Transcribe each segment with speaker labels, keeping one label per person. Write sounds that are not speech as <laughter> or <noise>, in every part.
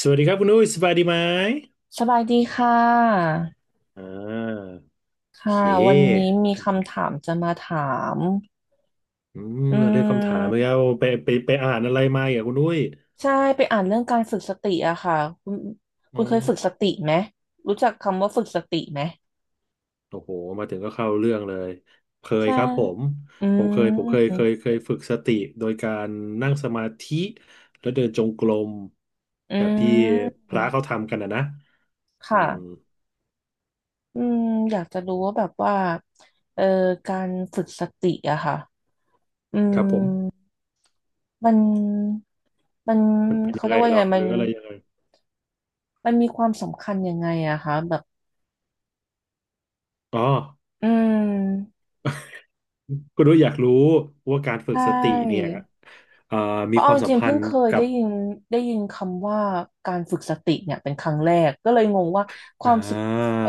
Speaker 1: สวัสดีครับคุณอุ้ยสบายดีไหม
Speaker 2: สบายดีค่ะ
Speaker 1: อ่าโอเค
Speaker 2: ค่ะวันนี้มีคำถามจะมาถาม
Speaker 1: อืม
Speaker 2: อื
Speaker 1: เรื่องคำถามไป
Speaker 2: ม
Speaker 1: แล้วไปอ่านอะไรมาอ่ะคุณอุ้ย
Speaker 2: ใช่ไปอ่านเรื่องการฝึกสติอะค่ะคุณ
Speaker 1: อื
Speaker 2: คุณเค
Speaker 1: ม
Speaker 2: ยฝึกสติไหม รู้จักคำว่าฝึกสติไหม
Speaker 1: โอ้โหมาถึงก็เข้าเรื่องเลยเคย
Speaker 2: ใช่
Speaker 1: ครับผม
Speaker 2: อื
Speaker 1: ผมเคยผมเคยเคย
Speaker 2: ม
Speaker 1: เคยฝึกสติโดยการนั่งสมาธิแล้วเดินจงกรม
Speaker 2: อื
Speaker 1: แบบที่
Speaker 2: ม
Speaker 1: พระเขาทำกันนะ
Speaker 2: ค
Speaker 1: อืม
Speaker 2: ่ะอืมอยากจะรู้ว่าแบบว่าเอ่อการฝึกสติอะค่ะ อื
Speaker 1: ค
Speaker 2: ม
Speaker 1: รับผม
Speaker 2: มันมัน
Speaker 1: มันเป็น
Speaker 2: เขา
Speaker 1: ยัง
Speaker 2: เรี
Speaker 1: ไง
Speaker 2: ยกว่า
Speaker 1: เหร
Speaker 2: ยัง
Speaker 1: อ
Speaker 2: ไง
Speaker 1: ห
Speaker 2: มั
Speaker 1: รื
Speaker 2: น
Speaker 1: ออะไรยังไง
Speaker 2: มันมีความสำคัญยังไงอะคะแบบ
Speaker 1: อ๋อ
Speaker 2: อืม
Speaker 1: คุณอุ้ยอยากรู้ว่าการฝึ
Speaker 2: ใช
Speaker 1: กสติเนี่ย
Speaker 2: ่
Speaker 1: เอ่อ
Speaker 2: เพ
Speaker 1: มี
Speaker 2: ราะ
Speaker 1: ค
Speaker 2: เอา
Speaker 1: วา
Speaker 2: จ
Speaker 1: มสัม
Speaker 2: ริงๆ
Speaker 1: พั
Speaker 2: เพิ่
Speaker 1: น
Speaker 2: ง
Speaker 1: ธ์
Speaker 2: เคย
Speaker 1: กั
Speaker 2: ได้
Speaker 1: บ
Speaker 2: ยินได้ยินคำว่าการฝึกสติเนี่ยเป็นครั้งแรก ก็เลยงงว่าค
Speaker 1: อ่
Speaker 2: วามสึกเอ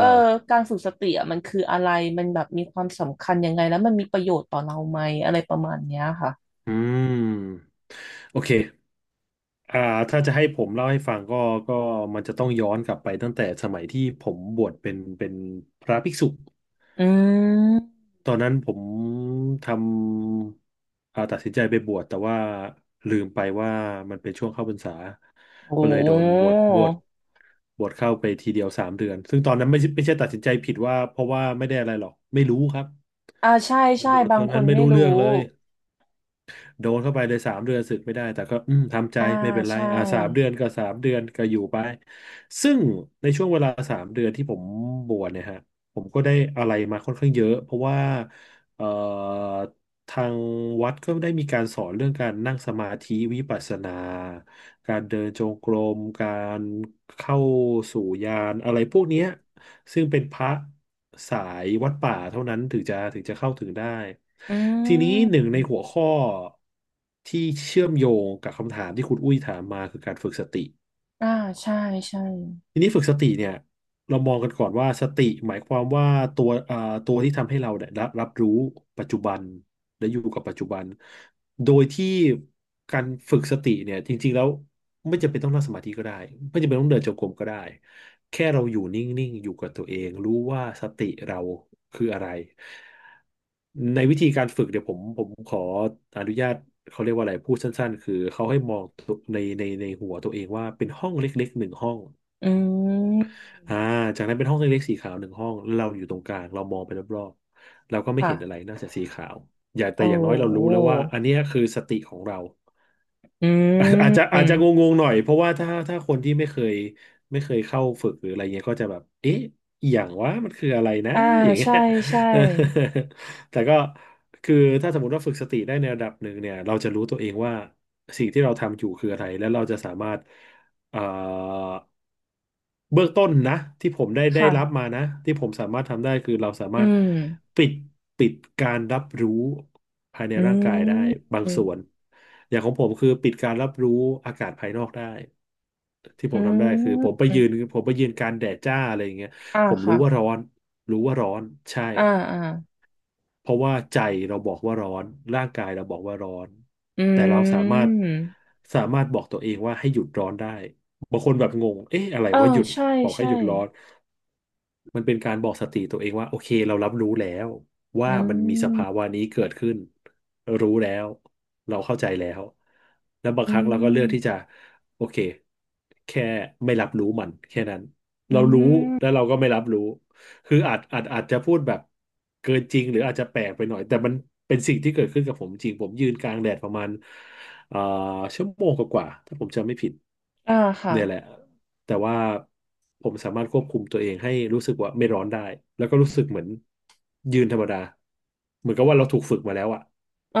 Speaker 1: า
Speaker 2: ่อการฝึกสติอะมันคืออะไร มันแบบมีความสำคัญยังไงแล้วมันมีประโยชน์ต่อเราไหมอะไรประมาณเนี้ยค่ะ
Speaker 1: อืมโอเคอ่าถ้าจะให้ผมเล่าให้ฟังก็มันจะต้องย้อนกลับไปตั้งแต่สมัยที่ผมบวชเป็นพระภิกษุ
Speaker 2: อืม
Speaker 1: ตอนนั้นผมทำอ่าตัดสินใจไปบวชแต่ว่าลืมไปว่ามันเป็นช่วงเข้าพรรษา
Speaker 2: โอ้
Speaker 1: ก็เลยโดนบวชเข้าไปทีเดียวสามเดือนซึ่งตอนนั้นไม่ใช่ตัดสินใจผิดว่าเพราะว่าไม่ได้อะไรหรอก ไม่รู้ครับ
Speaker 2: อ่าใช่ใช่
Speaker 1: บวช
Speaker 2: บา
Speaker 1: ต
Speaker 2: ง
Speaker 1: อน
Speaker 2: ค
Speaker 1: นั้น
Speaker 2: น
Speaker 1: ไม่
Speaker 2: ไม่
Speaker 1: รู้
Speaker 2: รู้
Speaker 1: เรื่องเลย โดนเข้าไปเลย3 เดือนสึกไม่ได้แต่ก็ทำใจ
Speaker 2: อ่า
Speaker 1: ไม่เป็นไร
Speaker 2: ใช่
Speaker 1: สามเดือนก็อยู่ไปซึ่งในช่วงเวลาสามเดือนที่ผมบวชเนี่ยฮะผมก็ได้อะไรมาค่อนข้างเยอะเพราะว่าเอ่อทางวัดก็ได้มีการสอนเรื่องการนั่งสมาธิวิปัสสนาการเดินจงกรมการเข้าสู่ญาณอะไรพวกเนี้ย ซึ่งเป็นพระสายวัดป่าเท่านั้นถึงจะเข้าถึงได้
Speaker 2: อื
Speaker 1: ทีนี้หนึ่
Speaker 2: ม
Speaker 1: งในหัวข้อที่เชื่อมโยงกับคำถามที่คุณอุ้ยถามมาคือการฝึกสติ
Speaker 2: อ่าใช่ใช่
Speaker 1: ทีนี้ฝึกสติเนี่ยเรามองกันก่อนว่าสติหมายความว่าตัวอ่าตัวที่ทำให้เราเนี่ยรับรู้ปัจจุบันและอยู่กับปัจจุบันโดยที่การฝึกสติเนี่ยจริงๆแล้วไม่จำเป็นต้องนั่งสมาธิก็ได้ไม่จำเป็นต้องเดินจงกรมก็ได้แค่เราอยู่นิ่งๆอยู่กับตัวเองรู้ว่าสติเราคืออะไรในวิธีการฝึกเดี๋ยวผมขออนุญาตเขาเรียกว่าอะไรพูดสั้นๆคือเขาให้มองตัวในหัวตัวเองว่าเป็นห้องเล็กๆหนึ่งห้อง
Speaker 2: อืม
Speaker 1: อ่าจากนั้นเป็นห้องเล็กๆสีขาวหนึ่งห้องแล้วเราอยู่ตรงกลางเรามองไปรอบๆเราก็ไม่
Speaker 2: ค่ะ
Speaker 1: เห็นอะไรนอกจากสีขาวอย่าแต่
Speaker 2: โอ้
Speaker 1: อย่างน้อยเรารู้แล้วว่าอันเนี้ยคือสติของเรา <laughs> อา
Speaker 2: อื
Speaker 1: อาจจะอาจจะง
Speaker 2: ม
Speaker 1: งๆหน่อยเพราะว่าถ้าคนที่ไม่เคยเข้าฝึกหรืออะไรเงี้ยก็จะแบบเอ๊ะอหย่างว่ามันคืออะไรนะ
Speaker 2: อ่า
Speaker 1: <laughs> อย่างเงี้ย
Speaker 2: ใช่ใช่
Speaker 1: <laughs> แต่ก็คือถ้าสมมติว่าฝึกสติได้ในระดับหนึ่งเนี่ยเราจะรู้ตัวเองว่าสิ่งที่เราทำอยู่คืออะไรและเราจะสามารถเอ่อ เบื้องต้นนะที่ผมได้รับ
Speaker 2: ค่ะ
Speaker 1: มานะที่ผมสามารถทำได้คือเราสา
Speaker 2: อื
Speaker 1: มารถ
Speaker 2: ม
Speaker 1: ปิดปิดการรับรู้ภายใน
Speaker 2: อื
Speaker 1: ร่างกายได้
Speaker 2: ม
Speaker 1: บางส่วนอย่างของผมคือปิดการรับรู้อากาศภายนอกได้ที่ผ
Speaker 2: อื
Speaker 1: มทำได้คือผม
Speaker 2: ม
Speaker 1: ไปยืนผมไปยืนกลางแดดจ้าอะไรอย่างเงี้ย
Speaker 2: อ่า
Speaker 1: ผมรู้
Speaker 2: ค่ะ
Speaker 1: ว่าร้อนรู้ว่าร้อนใช่
Speaker 2: อ่าอ่า
Speaker 1: เพราะว่าใจเราบอกว่าร้อนร่างกายเราบอกว่าร้อน
Speaker 2: อื
Speaker 1: แต่เราสามารถ
Speaker 2: ม
Speaker 1: บอกตัวเองว่าให้หยุดร้อนได้บางคนแบบงงเอ๊ะอะไร
Speaker 2: เออ
Speaker 1: ว่าหยุด
Speaker 2: ใช่
Speaker 1: บอกให้
Speaker 2: ใช่
Speaker 1: หยุดร้อน มันเป็นการบอกสติตัวเองว่าโอเคเรารับรู้แล้วว่า
Speaker 2: อื
Speaker 1: มันมีสภา
Speaker 2: ม
Speaker 1: วะนี้เกิดขึ้นรู้แล้วเราเข้าใจแล้วแล้วบางค
Speaker 2: อื
Speaker 1: รั้งเราก็เลือกที่
Speaker 2: ม
Speaker 1: จะโอเคแค่ไม่รับรู้มันแค่นั้น
Speaker 2: อื
Speaker 1: เรารู้แล้ว
Speaker 2: ม
Speaker 1: เราก็ไม่รับรู้คืออาจจะพูดแบบเกินจริงหรืออาจจะแปลกไปหน่อยแต่มันเป็นสิ่งที่เกิดขึ้นกับผมจริงผมยืนกลางแดดประมาณเอ่อชั่วโมงกว่าๆถ้าผมจำไม่ผิด
Speaker 2: อ่าค่ะ
Speaker 1: เนี่ยแหละ แต่ว่าผมสามารถควบคุมตัวเองให้รู้สึกว่าไม่ร้อนได้แล้วก็รู้สึกเหมือนยืนธรรมดาเหมือนกับว่าเราถูกฝึกมาแล้วอ่ะ
Speaker 2: อ๋อ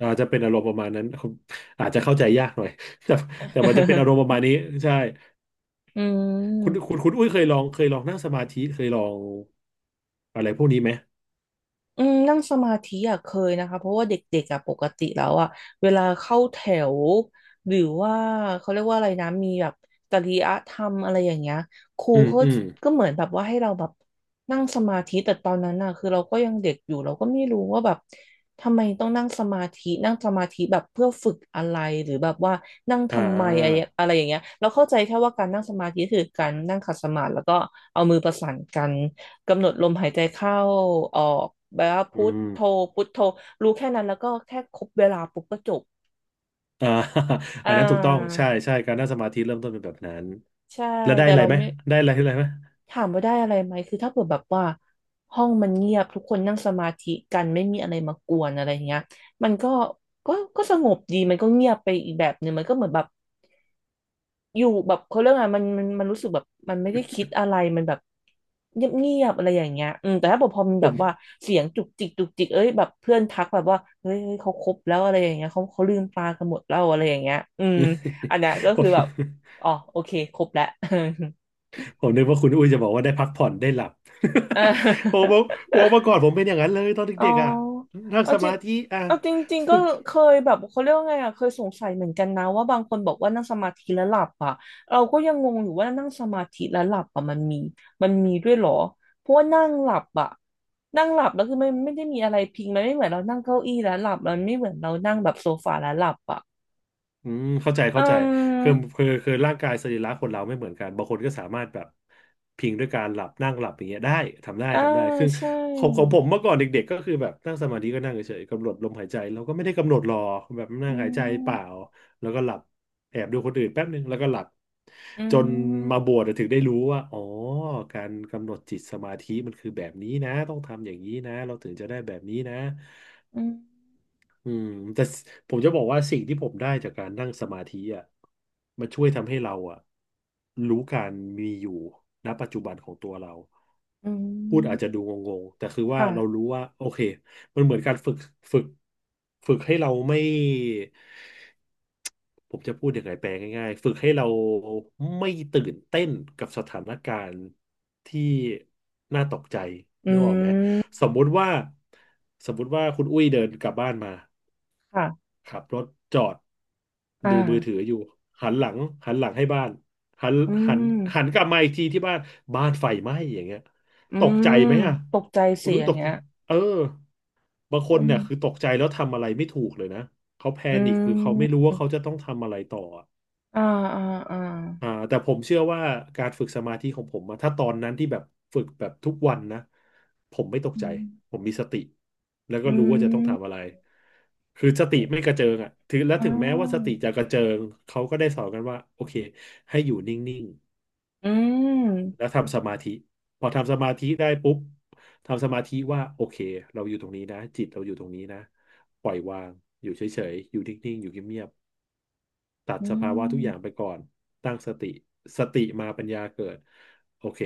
Speaker 1: อาจจะเป็นอารมณ์ประมาณนั้นผมอาจจะเข้าใจยากหน่อย <laughs> แต่แต่มันจะเป็นอารมณ์ประ
Speaker 2: <laughs>
Speaker 1: มาณนี้ใช่
Speaker 2: อื
Speaker 1: คุณคุ
Speaker 2: ม
Speaker 1: ณคุณอุ้ยเคยลองนั่งสมาธิเคยลองอะไรพวกนี้ไหม
Speaker 2: อืมนั่งสมาธิอ่ะเคยนะคะเพราะว่าเด็กๆอ่ะปกติแล้วอ่ะเวลาเข้าแถวหรือว่าเขาเรียกว่าอะไรนะมีแบบจริยธรรมอะไรอย่างเงี้ยครู
Speaker 1: อืม
Speaker 2: เขา
Speaker 1: อืม
Speaker 2: ก็เหมือนแบบว่าให้เราแบบนั่งสมาธิแต่ตอนนั้นอ่ะคือเราก็ยังเด็กอยู่เราก็ไม่รู้ว่าแบบทำไมต้องนั่งสมาธินั่งสมาธิแบบเพื่อฝึกอะไรหรือแบบว่านั่ง
Speaker 1: อ่า
Speaker 2: ทำไมอะไรอะไรอย่างเงี้ยเราเข้าใจแค่ว่าการนั่งสมาธิคือการนั่งขัดสมาธิแล้วก็เอามือประสานกัน กำหนดลมหายใจเข้าออกแบบว่า
Speaker 1: อื
Speaker 2: พุท
Speaker 1: ม
Speaker 2: โธพุทโธรู้แค่นั้นแล้วก็แค่ครบเวลาปุ๊บก็จบ
Speaker 1: อ่า <laughs>
Speaker 2: อ่
Speaker 1: อันนั้นถูกต้อง
Speaker 2: า
Speaker 1: ใช่ใช่การนั่งสมาธิเริ่มต้นเป็นแบบนั้น
Speaker 2: ใช่
Speaker 1: แล้วได้
Speaker 2: แต่
Speaker 1: อะไร
Speaker 2: เรา
Speaker 1: ไหม
Speaker 2: ไม่
Speaker 1: ได้อะไรอะไรไหม
Speaker 2: ถามว่าได้อะไรไหมคือถ้าเกิดแบบว่าห้องมันเงียบทุกคนนั่งสมาธิกันไม่มีอะไรมากวนอะไรอย่างเงี้ยมันก็ก็ก็สงบดีมันก็เงียบไปอีกแบบหนึ่งมันก็เหมือนแบบ อยู่แบบเขาเรื่องอะไรมันรู้สึกแบบมันไม่ได้คิดอะไรมันแบบเงียบเงียบอะไรอย่างเงี้ยอืมแต่ถ้าพอมัน
Speaker 1: ผ
Speaker 2: แบบ
Speaker 1: ม
Speaker 2: ว่าเสียงจุกจิกจุกจิกเอ้ยแบบเพื่อนทักแบบว่าเฮ้ยเฮ้ยเขาคบแล้วอะไรอย่างเงี้ยเขาลืมตากันหมดแล้วอะไรอย่างเงี้ยอืมอั
Speaker 1: <laughs>
Speaker 2: นเนี้ยก็
Speaker 1: ผ
Speaker 2: คือแบบ
Speaker 1: ม
Speaker 2: อ๋อโอเคครบแล้ว
Speaker 1: ผมนึกว่าคุณอุ้ยจะบอกว่าได้พักผ่อนได้หลับ <laughs> ผ
Speaker 2: <laughs>
Speaker 1: ม
Speaker 2: เอ
Speaker 1: บอกผมเมื่อ
Speaker 2: อ
Speaker 1: ก่อนผมเป็นอย่างนั้นเลยตอน
Speaker 2: อ๋อ
Speaker 1: เด็กๆอ่ะนั่ง
Speaker 2: เอา
Speaker 1: ส
Speaker 2: จริ
Speaker 1: มา
Speaker 2: ง
Speaker 1: ธิอ่ะ
Speaker 2: เอาจริงๆก็
Speaker 1: ฝึก
Speaker 2: เคยแบบเขาเรียกว่าไงอ่ะเคยสงสัยเหมือนกันนะว่าบางคนบอกว่านั่งสมาธิแล้วหลับอ่ะเราก็ยังงงอยู่ว่านั่งสมาธิแล้วหลับอ่ะมันมีด้วยเหรอเพราะว่านั่งหลับอ่ะนั่งหลับแล้วคือไม่ได้มีอะไรพิงมันไม่เหมือนเรานั่งเก้าอี้แล้วหลับมันไม่เหมือนเรานั่งแบบโซฟาแล้วหลับอ่ะ
Speaker 1: อืมเข้าใจ
Speaker 2: อื
Speaker 1: เข้าใจ
Speaker 2: ม
Speaker 1: คือคือร่างกายสรีระคนเราไม่เหมือนกันบางคนก็สามารถแบบพิงด้วยการหลับนั่งหลับอย่างเงี้ยได้ทำได้
Speaker 2: อ่า
Speaker 1: ทำได้คือ
Speaker 2: ใช่
Speaker 1: ของผมเมื่อก่อนเด็กๆก็คือแบบนั่งสมาธิก็นั่งเฉยๆกำหนดลมหายใจเราก็ไม่ได้กำหนดหรอกแบบนั่ง
Speaker 2: อื
Speaker 1: หายใจเป
Speaker 2: ม
Speaker 1: ล่าแล้วก็หลับแอบดูคนอื่นแป๊บนึงแล้วก็หลับ
Speaker 2: อื
Speaker 1: จนมา
Speaker 2: ม
Speaker 1: บวชถึงได้รู้ว่าอ๋อการกำหนดจิตสมาธิมันคือแบบนี้นะต้องทำอย่างนี้นะเราถึงจะได้แบบนี้นะ
Speaker 2: อืม
Speaker 1: อืมแต่ผมจะบอกว่าสิ่งที่ผมได้จากการนั่งสมาธิอ่ะมันช่วยทำให้เราอ่ะรู้การมีอยู่ณปัจจุบันของตัวเรา
Speaker 2: อื
Speaker 1: พูดอาจ
Speaker 2: ม
Speaker 1: จะดูงงๆแต่คือว่า
Speaker 2: ค่ะ
Speaker 1: เรารู้ว่าโอเคมันเหมือนการฝึกฝึกฝึกให้เราไม่ผมจะพูดยังไงแปลง่ายๆฝึกให้เราไม่ตื่นเต้นกับสถานการณ์ที่น่าตกใจ
Speaker 2: อื
Speaker 1: นึกออกไหม
Speaker 2: ม
Speaker 1: สมมุติว่าสมมุติว่าคุณอุ้ยเดินกลับบ้านมา
Speaker 2: ค่ะ
Speaker 1: ขับรถจอด
Speaker 2: อ่า
Speaker 1: ดูมือถืออยู่หันหลังหันหลังให้บ้านหัน
Speaker 2: อื
Speaker 1: หัน
Speaker 2: ม
Speaker 1: หันกลับมาอีกทีที่บ้านบ้านไฟไหม้อย่างเงี้ย
Speaker 2: อื
Speaker 1: ตกใจ
Speaker 2: ม
Speaker 1: ไหมอ่ะ
Speaker 2: ตกใจ
Speaker 1: คุณ
Speaker 2: เสีย
Speaker 1: ดุ้ยต
Speaker 2: ง
Speaker 1: ก
Speaker 2: เงี้
Speaker 1: ใจ
Speaker 2: ย
Speaker 1: เออบางค
Speaker 2: อื
Speaker 1: น
Speaker 2: ม
Speaker 1: เนี่ยคือตกใจแล้วทำอะไรไม่ถูกเลยนะเขาแพ
Speaker 2: อื
Speaker 1: นิคคือเขาไม่รู้
Speaker 2: ม
Speaker 1: ว่าเขาจะต้องทำอะไรต่อ
Speaker 2: อ่าอ่าอ่า
Speaker 1: อ่าแต่ผมเชื่อว่าการฝึกสมาธิของผมอะถ้าตอนนั้นที่แบบฝึกแบบทุกวันนะผมไม่ตกใจ
Speaker 2: อื
Speaker 1: ผ
Speaker 2: ม
Speaker 1: มมีสติแล้วก็
Speaker 2: อื
Speaker 1: รู้ว่าจะต้องทำอะ
Speaker 2: ม
Speaker 1: ไรคือสติไม่กระเจิงอ่ะถึงและ
Speaker 2: อ๋
Speaker 1: ถึงแม้ว่าสติ
Speaker 2: อ
Speaker 1: จะกระเจิงเขาก็ได้สอนกันว่าโอเคให้อยู่นิ่ง
Speaker 2: อื
Speaker 1: ๆแล้ว
Speaker 2: ม
Speaker 1: ทำสมาธิพอทำสมาธิได้ปุ๊บทำสมาธิว่าโอเคเราอยู่ตรงนี้นะจิตเราอยู่ตรงนี้นะปล่อยวางอยู่เฉยๆอยู่นิ่งๆอยู่เงียบ ตัด
Speaker 2: อื
Speaker 1: สภาวะทุกอย่างไป
Speaker 2: ม
Speaker 1: ก่อนตั้งสติสติมาปัญญาเกิดโอเค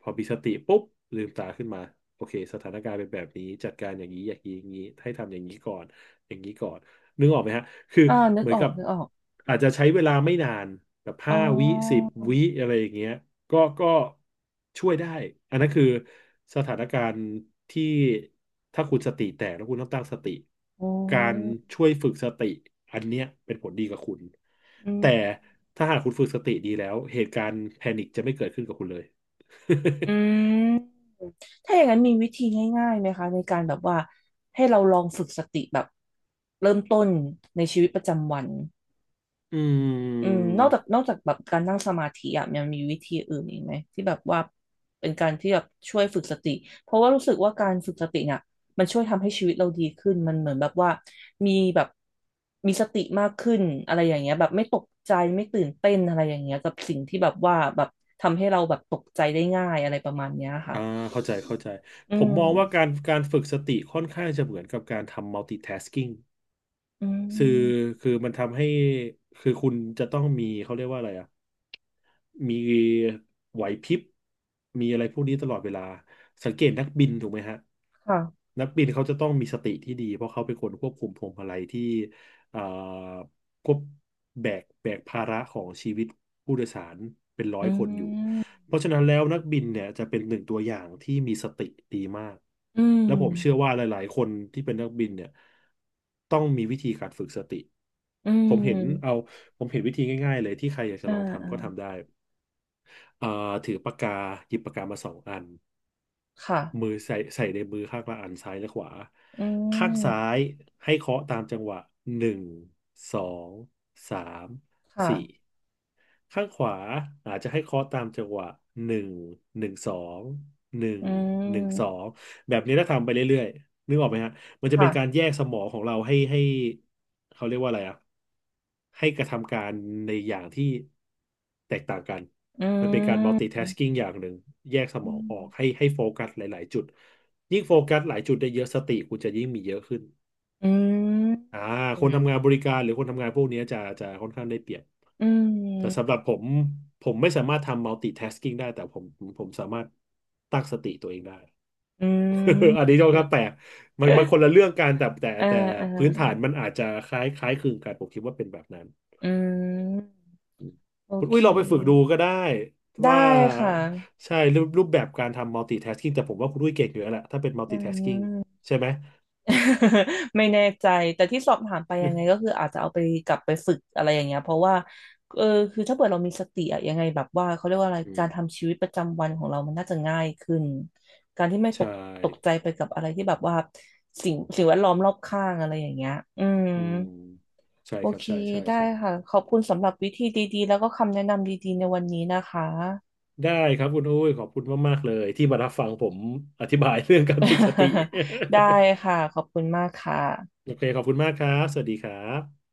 Speaker 1: พอมีสติปุ๊บลืมตาขึ้นมาโอเคสถานการณ์เป็นแบบนี้จัดการอย่างนี้อย่างนี้อย่างนี้ให้ทำอย่างนี้ก่อนอย่างนี้ก่อนนึกออกไหมฮะ คือ
Speaker 2: อ่านึก
Speaker 1: เหมือ
Speaker 2: อ
Speaker 1: น
Speaker 2: อก
Speaker 1: กับ
Speaker 2: นึกออก
Speaker 1: อาจจะใช้เวลาไม่นานแบบ
Speaker 2: อ๋
Speaker 1: ห้าวิสิบ
Speaker 2: อ
Speaker 1: วิอะไรอย่างเงี้ยก็ช่วยได้อันนั้นคือสถานการณ์ที่ถ้าคุณสติแตกแล้วคุณต้องตั้งสติ
Speaker 2: อ๋
Speaker 1: การ
Speaker 2: อ
Speaker 1: ช่วยฝึกสติอันเนี้ยเป็นผลดีกับคุณ
Speaker 2: อืม
Speaker 1: แต่ถ้าหากคุณฝึกสติดีแล้วเหตุการณ์แพนิคจะไม่เกิดขึ้นกับคุณเลย <laughs>
Speaker 2: อืมถ้าอย่างนั้นมีวิธีง่ายๆไหมคะในการแบบว่าให้เราลองฝึกสติแบบเริ่มต้นในชีวิตประจำวัน
Speaker 1: อื
Speaker 2: อืมน
Speaker 1: ม
Speaker 2: อกจากนอกจากแบบการนั่งสมาธิอ่ะมังมีวิธีอื่นอีกไหมที่แบบว่าเป็นการที่แบบช่วยฝึกสติเพราะว่ารู้สึกว่าการฝึกสติเนี่ยมันช่วยทำให้ชีวิตเราดีขึ้นมันเหมือนแบบว่ามีแบบมีสติมากขึ้นอะไรอย่างเงี้ยแบบไม่ตกใจไม่ตื่นเต้นอะไรอย่างเงี้ยกับสิ่งที่แบบว่าแบบทำให้เราแบบตกใจได้ง่ายอะไรประมาณเนี้ยค่ะ
Speaker 1: อ่าเข้าใจเข้าใจ
Speaker 2: อื
Speaker 1: ผมมองว่าการ
Speaker 2: ม
Speaker 1: การฝึกสติค่อนข้างจะเหมือนกับการทำ multitasking
Speaker 2: อื
Speaker 1: คือ
Speaker 2: ม
Speaker 1: คือมันทำให้คือคุณจะต้องมีเขาเรียกว่าอะไรอ่ะ มีไหวพริบมีอะไรพวกนี้ตลอดเวลาสังเกตนักบินถูกไหมฮะ
Speaker 2: ค่ะ
Speaker 1: นักบินเขาจะต้องมีสติที่ดีเพราะเขาเป็นคนควบคุมพวงมาลัยที่เอ่อควบแบกภาระของชีวิตผู้โดยสารเป็นร้อ
Speaker 2: อื
Speaker 1: ยคนอยู่
Speaker 2: ม
Speaker 1: เพราะฉะนั้นแล้วนักบินเนี่ยจะเป็นหนึ่งตัวอย่างที่มีสติดีมาก
Speaker 2: อื
Speaker 1: และผมเชื่อ
Speaker 2: ม
Speaker 1: ว่าหลายๆคนที่เป็นนักบินเนี่ยต้องมีวิธีการฝึกสติ
Speaker 2: อื
Speaker 1: ผมเห็นเอา
Speaker 2: ม
Speaker 1: ผมเห็นวิธีง่ายๆเลยที่ใครอยากจะ
Speaker 2: อ่า
Speaker 1: ลอง
Speaker 2: อ่า
Speaker 1: ทำก็ทำได้ เอ่อถือปากกาหยิบปากกามาสองอันมื
Speaker 2: ค่ะ
Speaker 1: อใส่ในมือข้างละอันซ้ายและขวา
Speaker 2: อื
Speaker 1: ข้างซ้า
Speaker 2: ม
Speaker 1: ยให้เคาะตามจังหวะหนึ่งสองสาม
Speaker 2: ค่ะ
Speaker 1: สี่ ข้างขวาอาจจะให้เคาะตามจังหวะหนึ่งหนึ่งสองหนึ่ง
Speaker 2: อื
Speaker 1: หนึ่งสอ
Speaker 2: ม
Speaker 1: งแบบนี้ถ้าทำไปเรื่อยๆนึกออกไหมฮะมันจะเป็
Speaker 2: ค่ะ
Speaker 1: นการแยกสมองของเราให้เขาเรียกว่าอะไรอะให้กระทำการในอย่างที่แตกต่างกัน
Speaker 2: อื
Speaker 1: มันเป็นการ
Speaker 2: ม
Speaker 1: multitasking อย่างหนึ่งแยกสมองออกให้โฟกัสหลายๆจุดยิ่งโฟกัสหลายจุดได้เยอะสติคุณจะยิ่งมีเยอะขึ้น
Speaker 2: อืม
Speaker 1: อ่า
Speaker 2: อื
Speaker 1: คน
Speaker 2: ม
Speaker 1: ทำงานบริการหรือคนทำงานพวกนี้จะค่อนข้างได้เปรียบ
Speaker 2: อื
Speaker 1: แต่
Speaker 2: ม
Speaker 1: สำหรับผมผมไม่สามารถทำ multitasking ได้แต่ผมผมสามารถตั้งสติตัวเองได้
Speaker 2: อืม
Speaker 1: <laughs> อันนี้ก็แปลกมันมันคนละเรื่องกันแต่แต่
Speaker 2: เออ
Speaker 1: แต่
Speaker 2: เอ
Speaker 1: พื้นฐา
Speaker 2: อ
Speaker 1: นมันอาจจะคล้ายคล้ายคลึงกันผมคิดว่าเป็นแบบนั้น
Speaker 2: อืมโอ
Speaker 1: คุณ
Speaker 2: เค
Speaker 1: อุ้ยลองไปฝึกดูก็ได้
Speaker 2: ได้
Speaker 1: ว่า
Speaker 2: ค่ะ
Speaker 1: ใช่รูปแบบการทำ multitasking แต่ผมว่าคุณอุ้ยเก่งอยู่แล้วแหละถ้าเป็น
Speaker 2: อื
Speaker 1: multitasking
Speaker 2: ม
Speaker 1: ใช่ไหม
Speaker 2: <laughs> ไม่แน่ใจแต่ที่สอบถามไปยังไง
Speaker 1: <laughs>
Speaker 2: ก็คืออาจจะเอาไปกลับไปฝึกอะไรอย่างเงี้ยเพราะว่าเออคือถ้าเกิดเรามีสติอะยังไงแบบว่าเขาเรียกว่าอะไร
Speaker 1: อืม
Speaker 2: การทำชีวิตประจำวันของเรามันน่าจะง่ายขึ้นการที่ไม่
Speaker 1: <laughs>
Speaker 2: ต
Speaker 1: ใช่
Speaker 2: กตกใจไปกับอะไรที่แบบว่าสิ่งแวดล้อมรอบข้างอะไรอย่างเงี้ยอืม
Speaker 1: อืมใช่
Speaker 2: โอ
Speaker 1: ครับ
Speaker 2: เค
Speaker 1: ใช่ใช่
Speaker 2: ได้
Speaker 1: ใช่
Speaker 2: ค่ะขอบคุณสำหรับวิธีดีๆแล้วก็คำแนะนำดีๆในวันนี้นะคะ
Speaker 1: ได้ครับคุณอุ้ยขอบคุณมากๆเลยที่มารับฟังผมอธิบาย <laughs> เรื่องการฝึกสติ
Speaker 2: <laughs> ได้ค่ะขอบคุณมากค่ะ
Speaker 1: <laughs> โอเคขอบคุณมากครับสวัสดีครับ